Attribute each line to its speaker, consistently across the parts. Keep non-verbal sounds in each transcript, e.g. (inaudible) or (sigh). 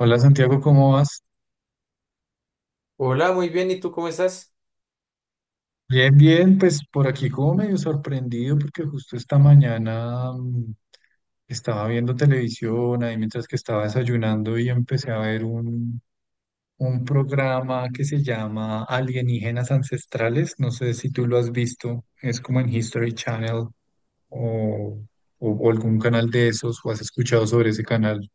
Speaker 1: Hola Santiago, ¿cómo vas?
Speaker 2: Hola, muy bien. ¿Y tú cómo estás?
Speaker 1: Bien, pues por aquí como medio sorprendido porque justo esta mañana estaba viendo televisión ahí mientras que estaba desayunando y empecé a ver un programa que se llama Alienígenas Ancestrales. No sé si tú lo has visto, es como en History Channel o, o algún canal de esos o has escuchado sobre ese canal.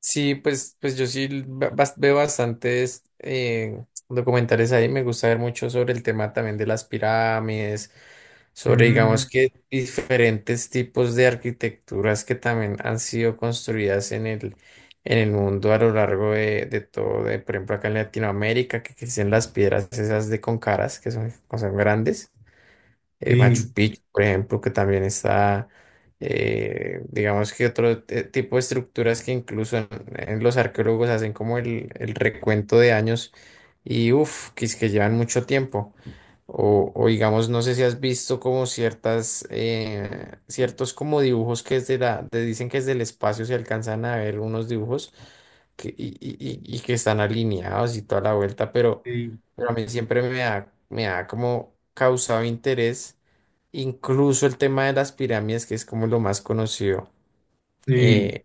Speaker 2: Sí, pues, pues yo sí veo bastantes documentales ahí. Me gusta ver mucho sobre el tema también de las pirámides, sobre, digamos
Speaker 1: Mm,
Speaker 2: que diferentes tipos de arquitecturas que también han sido construidas en el mundo a lo largo de todo, de, por ejemplo, acá en Latinoamérica, que existen las piedras esas de con caras, que son grandes. Machu
Speaker 1: sí,
Speaker 2: Picchu, por ejemplo, que también está. Digamos que otro tipo de estructuras que incluso en los arqueólogos hacen como el recuento de años y uff, que es que llevan mucho tiempo. O digamos, no sé si has visto como ciertas, ciertos como dibujos que desde la, te dicen que desde el espacio se alcanzan a ver unos dibujos que, y que están alineados y toda la vuelta,
Speaker 1: sí,
Speaker 2: pero a mí siempre me ha como causado interés. Incluso el tema de las pirámides, que es como lo más conocido.
Speaker 1: sí,
Speaker 2: eh,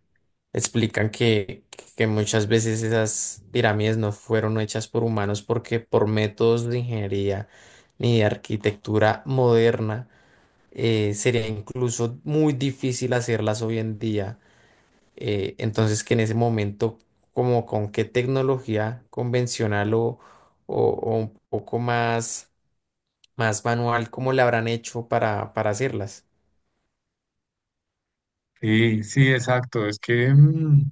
Speaker 2: Explican que muchas veces esas pirámides no fueron hechas por humanos porque por métodos de ingeniería ni de arquitectura moderna sería incluso muy difícil hacerlas hoy en día. Entonces que en ese momento, como con qué tecnología convencional o, o un poco más, más manual, cómo la habrán hecho para hacerlas.
Speaker 1: sí, sí, exacto.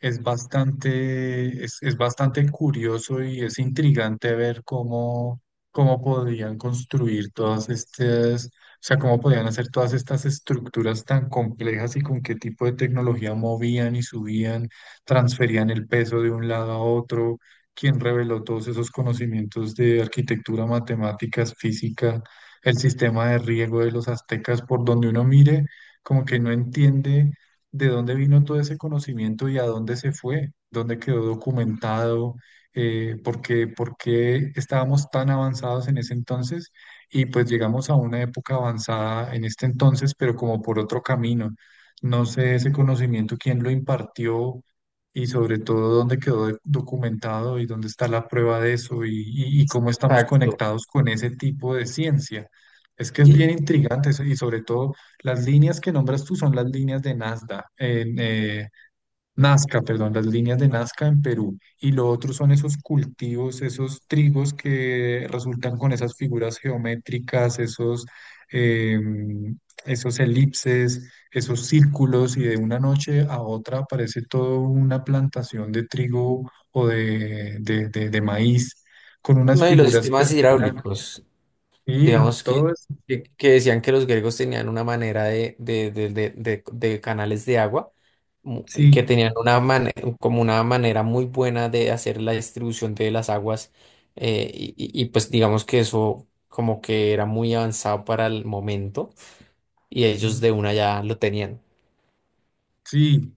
Speaker 1: Es es bastante curioso y es intrigante ver cómo podían construir todas estas, o sea, cómo podían hacer todas estas estructuras tan complejas y con qué tipo de tecnología movían y subían, transferían el peso de un lado a otro, quién reveló todos esos conocimientos de arquitectura, matemáticas, física, el sistema de riego de los aztecas, por donde uno mire, como que no entiende de dónde vino todo ese conocimiento y a dónde se fue, dónde quedó documentado, por qué estábamos tan avanzados en ese entonces y pues llegamos a una época avanzada en este entonces, pero como por otro camino. No sé ese conocimiento, quién lo impartió y sobre todo dónde quedó documentado y dónde está la prueba de eso , y cómo estamos
Speaker 2: Exacto.
Speaker 1: conectados con ese tipo de ciencia. Es que es
Speaker 2: Y,
Speaker 1: bien intrigante eso, y sobre todo las líneas que nombras tú son las líneas de Nazca, perdón, las líneas de Nazca en Perú. Y lo otro son esos cultivos, esos trigos que resultan con esas figuras geométricas, em, esos elipses, esos círculos, y de una noche a otra aparece toda una plantación de trigo o de maíz con unas
Speaker 2: no, y los
Speaker 1: figuras, pero
Speaker 2: sistemas
Speaker 1: con
Speaker 2: hidráulicos,
Speaker 1: sí,
Speaker 2: digamos
Speaker 1: todo es,
Speaker 2: que decían que los griegos tenían una manera de canales de agua mu- y que
Speaker 1: sí.
Speaker 2: tenían una mane- como una manera muy buena de hacer la distribución de las aguas. Y, pues digamos que eso como que era muy avanzado para el momento y ellos de una ya lo tenían.
Speaker 1: Sí,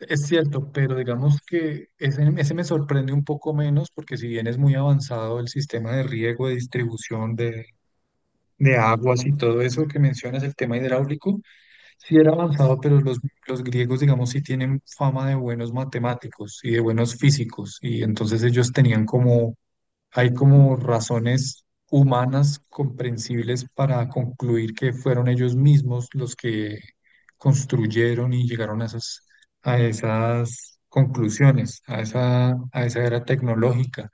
Speaker 1: es cierto, pero digamos que ese me sorprende un poco menos porque si bien es muy avanzado el sistema de riego, de distribución de aguas y todo eso que mencionas, el tema hidráulico, sí era avanzado, pero los griegos, digamos, sí tienen fama de buenos matemáticos y de buenos físicos, y entonces ellos tenían como hay como razones humanas comprensibles para concluir que fueron ellos mismos los que construyeron y llegaron a a esas conclusiones, a a esa era tecnológica.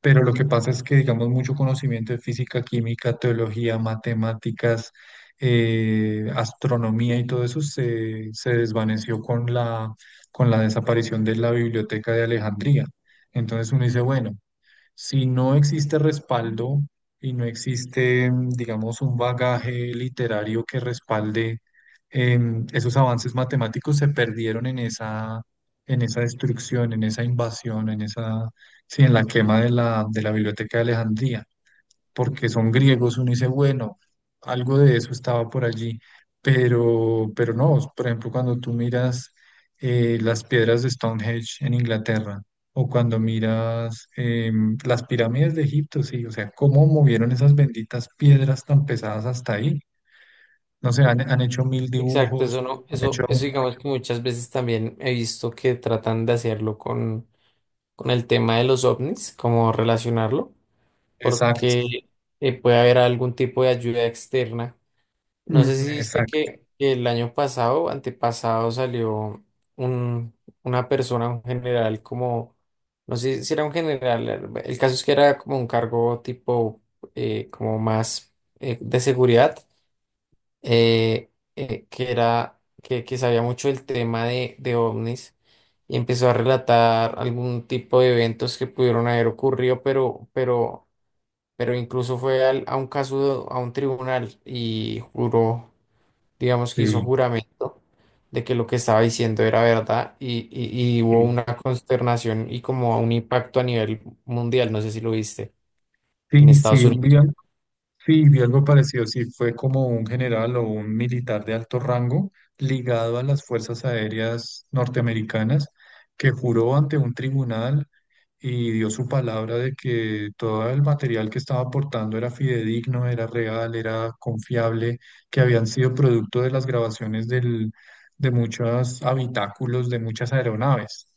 Speaker 1: Pero lo que pasa es que, digamos, mucho conocimiento de física, química, teología, matemáticas, astronomía y todo eso se desvaneció con con la desaparición de la Biblioteca de Alejandría. Entonces uno dice, bueno. Si no existe respaldo y no existe, digamos, un bagaje literario que respalde em, esos avances matemáticos, se perdieron en en esa destrucción, en esa invasión, sí, en la quema de de la Biblioteca de Alejandría porque son griegos, uno dice, bueno, algo de eso estaba por allí, pero no, por ejemplo, cuando tú miras las piedras de Stonehenge en Inglaterra, o cuando miras em, las pirámides de Egipto, sí, o sea, cómo movieron esas benditas piedras tan pesadas hasta ahí. No sé, han hecho mil
Speaker 2: Exacto, eso
Speaker 1: dibujos,
Speaker 2: no,
Speaker 1: han hecho,
Speaker 2: eso digamos que muchas veces también he visto que tratan de hacerlo con el tema de los ovnis, cómo relacionarlo,
Speaker 1: exacto,
Speaker 2: porque puede haber algún tipo de ayuda externa. No sé
Speaker 1: mm,
Speaker 2: si viste
Speaker 1: exacto,
Speaker 2: que el año pasado, antepasado, salió un, una persona, un general, como, no sé si era un general, el caso es que era como un cargo tipo, como más de seguridad, que era, que sabía mucho del tema de ovnis y empezó a relatar algún tipo de eventos que pudieron haber ocurrido, pero incluso fue a un caso, a un tribunal y juró, digamos que hizo
Speaker 1: sí,
Speaker 2: juramento de que lo que estaba diciendo era verdad y hubo
Speaker 1: sí,
Speaker 2: una consternación y como un impacto a nivel mundial, no sé si lo viste, en
Speaker 1: sí,
Speaker 2: Estados
Speaker 1: sí,
Speaker 2: Unidos.
Speaker 1: sí, vi algo parecido, sí, fue como un general o un militar de alto rango ligado a las Fuerzas Aéreas norteamericanas que juró ante un tribunal y dio su palabra de que todo el material que estaba aportando era fidedigno, era real, era confiable, que habían sido producto de las grabaciones de muchos habitáculos de muchas aeronaves,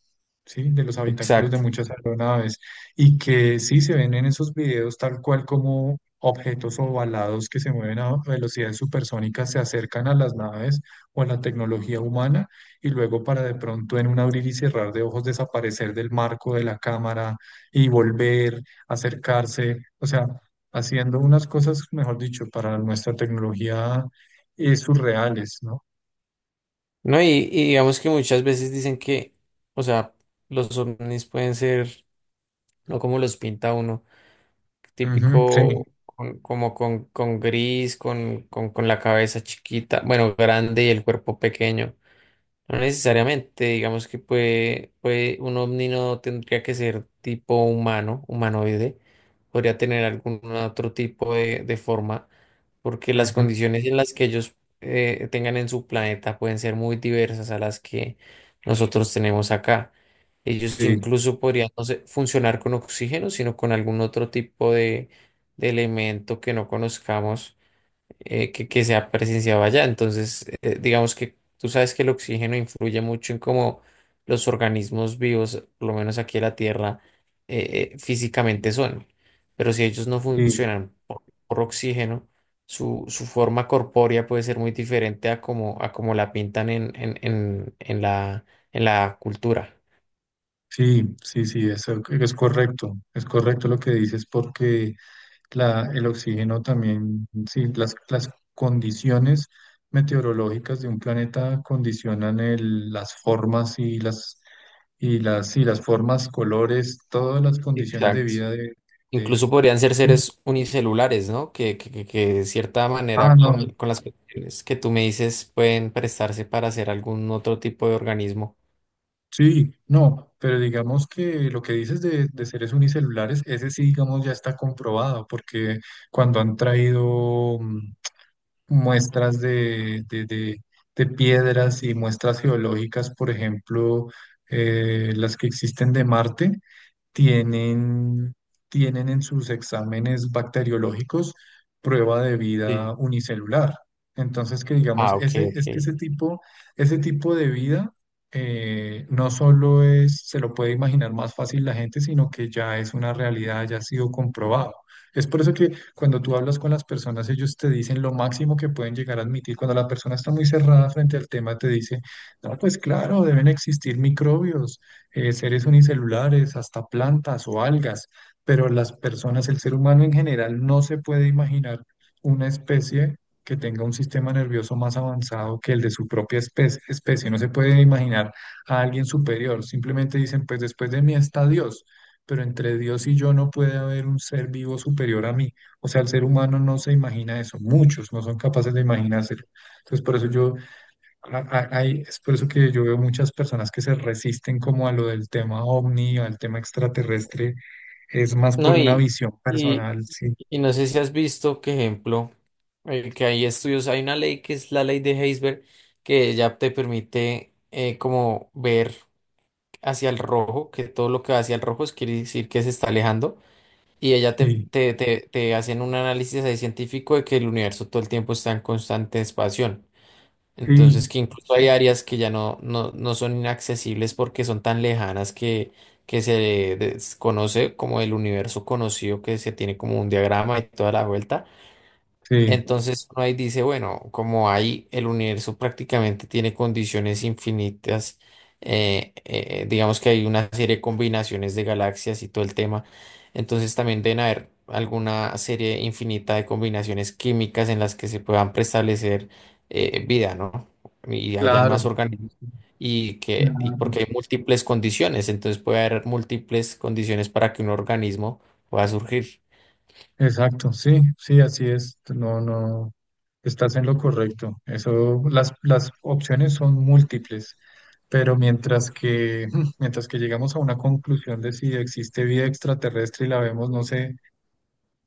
Speaker 1: ¿sí? De los habitáculos de
Speaker 2: Exacto.
Speaker 1: muchas aeronaves y que sí se ven en esos videos tal cual como objetos ovalados que se mueven a velocidades supersónicas se acercan a las naves o a la tecnología humana y luego para de pronto en un abrir y cerrar de ojos desaparecer del marco de la cámara y volver, acercarse, o sea, haciendo unas cosas, mejor dicho, para nuestra tecnología surreales, ¿no?
Speaker 2: No, y digamos que muchas veces dicen que, o sea, los ovnis pueden ser, no como los pinta uno,
Speaker 1: Ujú, sí,
Speaker 2: típico, como con gris, con la cabeza chiquita, bueno, grande y el cuerpo pequeño. No necesariamente, digamos puede, un ovni no tendría que ser tipo humano, humanoide, podría tener algún otro tipo de forma porque las
Speaker 1: ujú,
Speaker 2: condiciones en las que ellos tengan en su planeta pueden ser muy diversas a las que nosotros tenemos acá. Ellos
Speaker 1: sí.
Speaker 2: incluso podrían no sé, funcionar con oxígeno, sino con algún otro tipo de elemento que no conozcamos, que se ha presenciado allá. Entonces, digamos que tú sabes que el oxígeno influye mucho en cómo los organismos vivos, por lo menos aquí en la Tierra, físicamente son. Pero si ellos no
Speaker 1: Sí.
Speaker 2: funcionan por oxígeno, su forma corpórea puede ser muy diferente a como la pintan en la cultura.
Speaker 1: Sí, sí, sí, eso es correcto lo que dices porque el oxígeno también, sí, las condiciones meteorológicas de un planeta condicionan las formas y sí las formas, colores, todas las condiciones de
Speaker 2: Exacto.
Speaker 1: vida de-
Speaker 2: Incluso podrían ser
Speaker 1: sí.
Speaker 2: seres unicelulares, ¿no? Que de cierta
Speaker 1: Ah,
Speaker 2: manera
Speaker 1: no,
Speaker 2: con las cuestiones que tú me dices pueden prestarse para hacer algún otro tipo de organismo.
Speaker 1: sí, no, pero digamos que lo que dices de seres unicelulares, ese sí, digamos, ya está comprobado porque cuando han traído... muestras de piedras y muestras geológicas, por ejemplo, las que existen de Marte, tienen, tienen en sus exámenes bacteriológicos prueba de vida
Speaker 2: Sí.
Speaker 1: unicelular. Entonces, que digamos,
Speaker 2: Ah, ok,
Speaker 1: ese,
Speaker 2: ok.
Speaker 1: es que ese tipo de vida no solo se lo puede imaginar más fácil la gente, sino que ya es una realidad, ya ha sido comprobado. Es por eso que cuando tú hablas con las personas, ellos te dicen lo máximo que pueden llegar a admitir. Cuando la persona está muy cerrada frente al tema, te dice, no, pues claro, deben existir microbios seres unicelulares, hasta plantas o algas, pero las personas, el ser humano en general, no se puede imaginar una especie que tenga un sistema nervioso más avanzado que el de su propia especie. No se puede imaginar a alguien superior. Simplemente dicen, pues después de mí está Dios, pero entre Dios y yo no puede haber un ser vivo superior a mí. O sea, el ser humano no se imagina eso. Muchos no son capaces de imaginárselo. Entonces, por eso yo a- Hay, es por eso que yo veo muchas personas que se resisten como a lo del tema ovni, al tema extraterrestre, es más por
Speaker 2: No,
Speaker 1: una visión
Speaker 2: y,
Speaker 1: personal, sí,
Speaker 2: y no sé si has visto, que ejemplo, que hay estudios, hay una ley que es la ley de Heisberg, que ya te permite como ver hacia el rojo, que todo lo que va hacia el rojo es quiere decir que se está alejando. Y ella
Speaker 1: sí,
Speaker 2: te hacían un análisis ahí científico de que el universo todo el tiempo está en constante expansión. Entonces,
Speaker 1: sí,
Speaker 2: que incluso hay áreas que ya no son inaccesibles porque son tan lejanas que se desconoce como el universo conocido, que se tiene como un diagrama y toda la vuelta.
Speaker 1: sí,
Speaker 2: Entonces uno ahí dice, bueno, como ahí el universo prácticamente tiene condiciones infinitas, digamos que hay una serie de combinaciones de galaxias y todo el tema, entonces también deben haber alguna serie infinita de combinaciones químicas en las que se puedan preestablecer vida, ¿no? Y hayan más
Speaker 1: claro,
Speaker 2: organismos y porque
Speaker 1: claro.
Speaker 2: hay múltiples condiciones, entonces puede haber múltiples condiciones para que un organismo pueda surgir.
Speaker 1: Exacto, sí, sí, así es, no, no, estás en lo correcto, eso, las opciones son múltiples, pero mientras que, (clears throat) (laughs) mientras que llegamos a una conclusión de si existe vida extraterrestre y la vemos, no sé,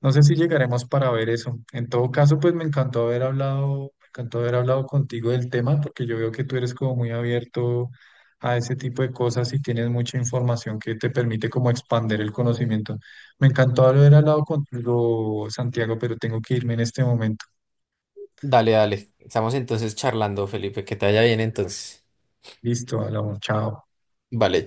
Speaker 1: no sé si llegaremos para ver eso. En todo caso, pues me encantó haber hablado, me encantó haber hablado contigo del tema, porque yo veo que tú eres como muy abierto a ese tipo de cosas y tienes mucha información que te permite como expander el conocimiento. Me encantó haber hablado contigo, Santiago, pero tengo que irme en este momento.
Speaker 2: Dale, dale. Estamos entonces charlando, Felipe. Que te vaya bien entonces.
Speaker 1: Listo, hablamos, chao.
Speaker 2: Vale.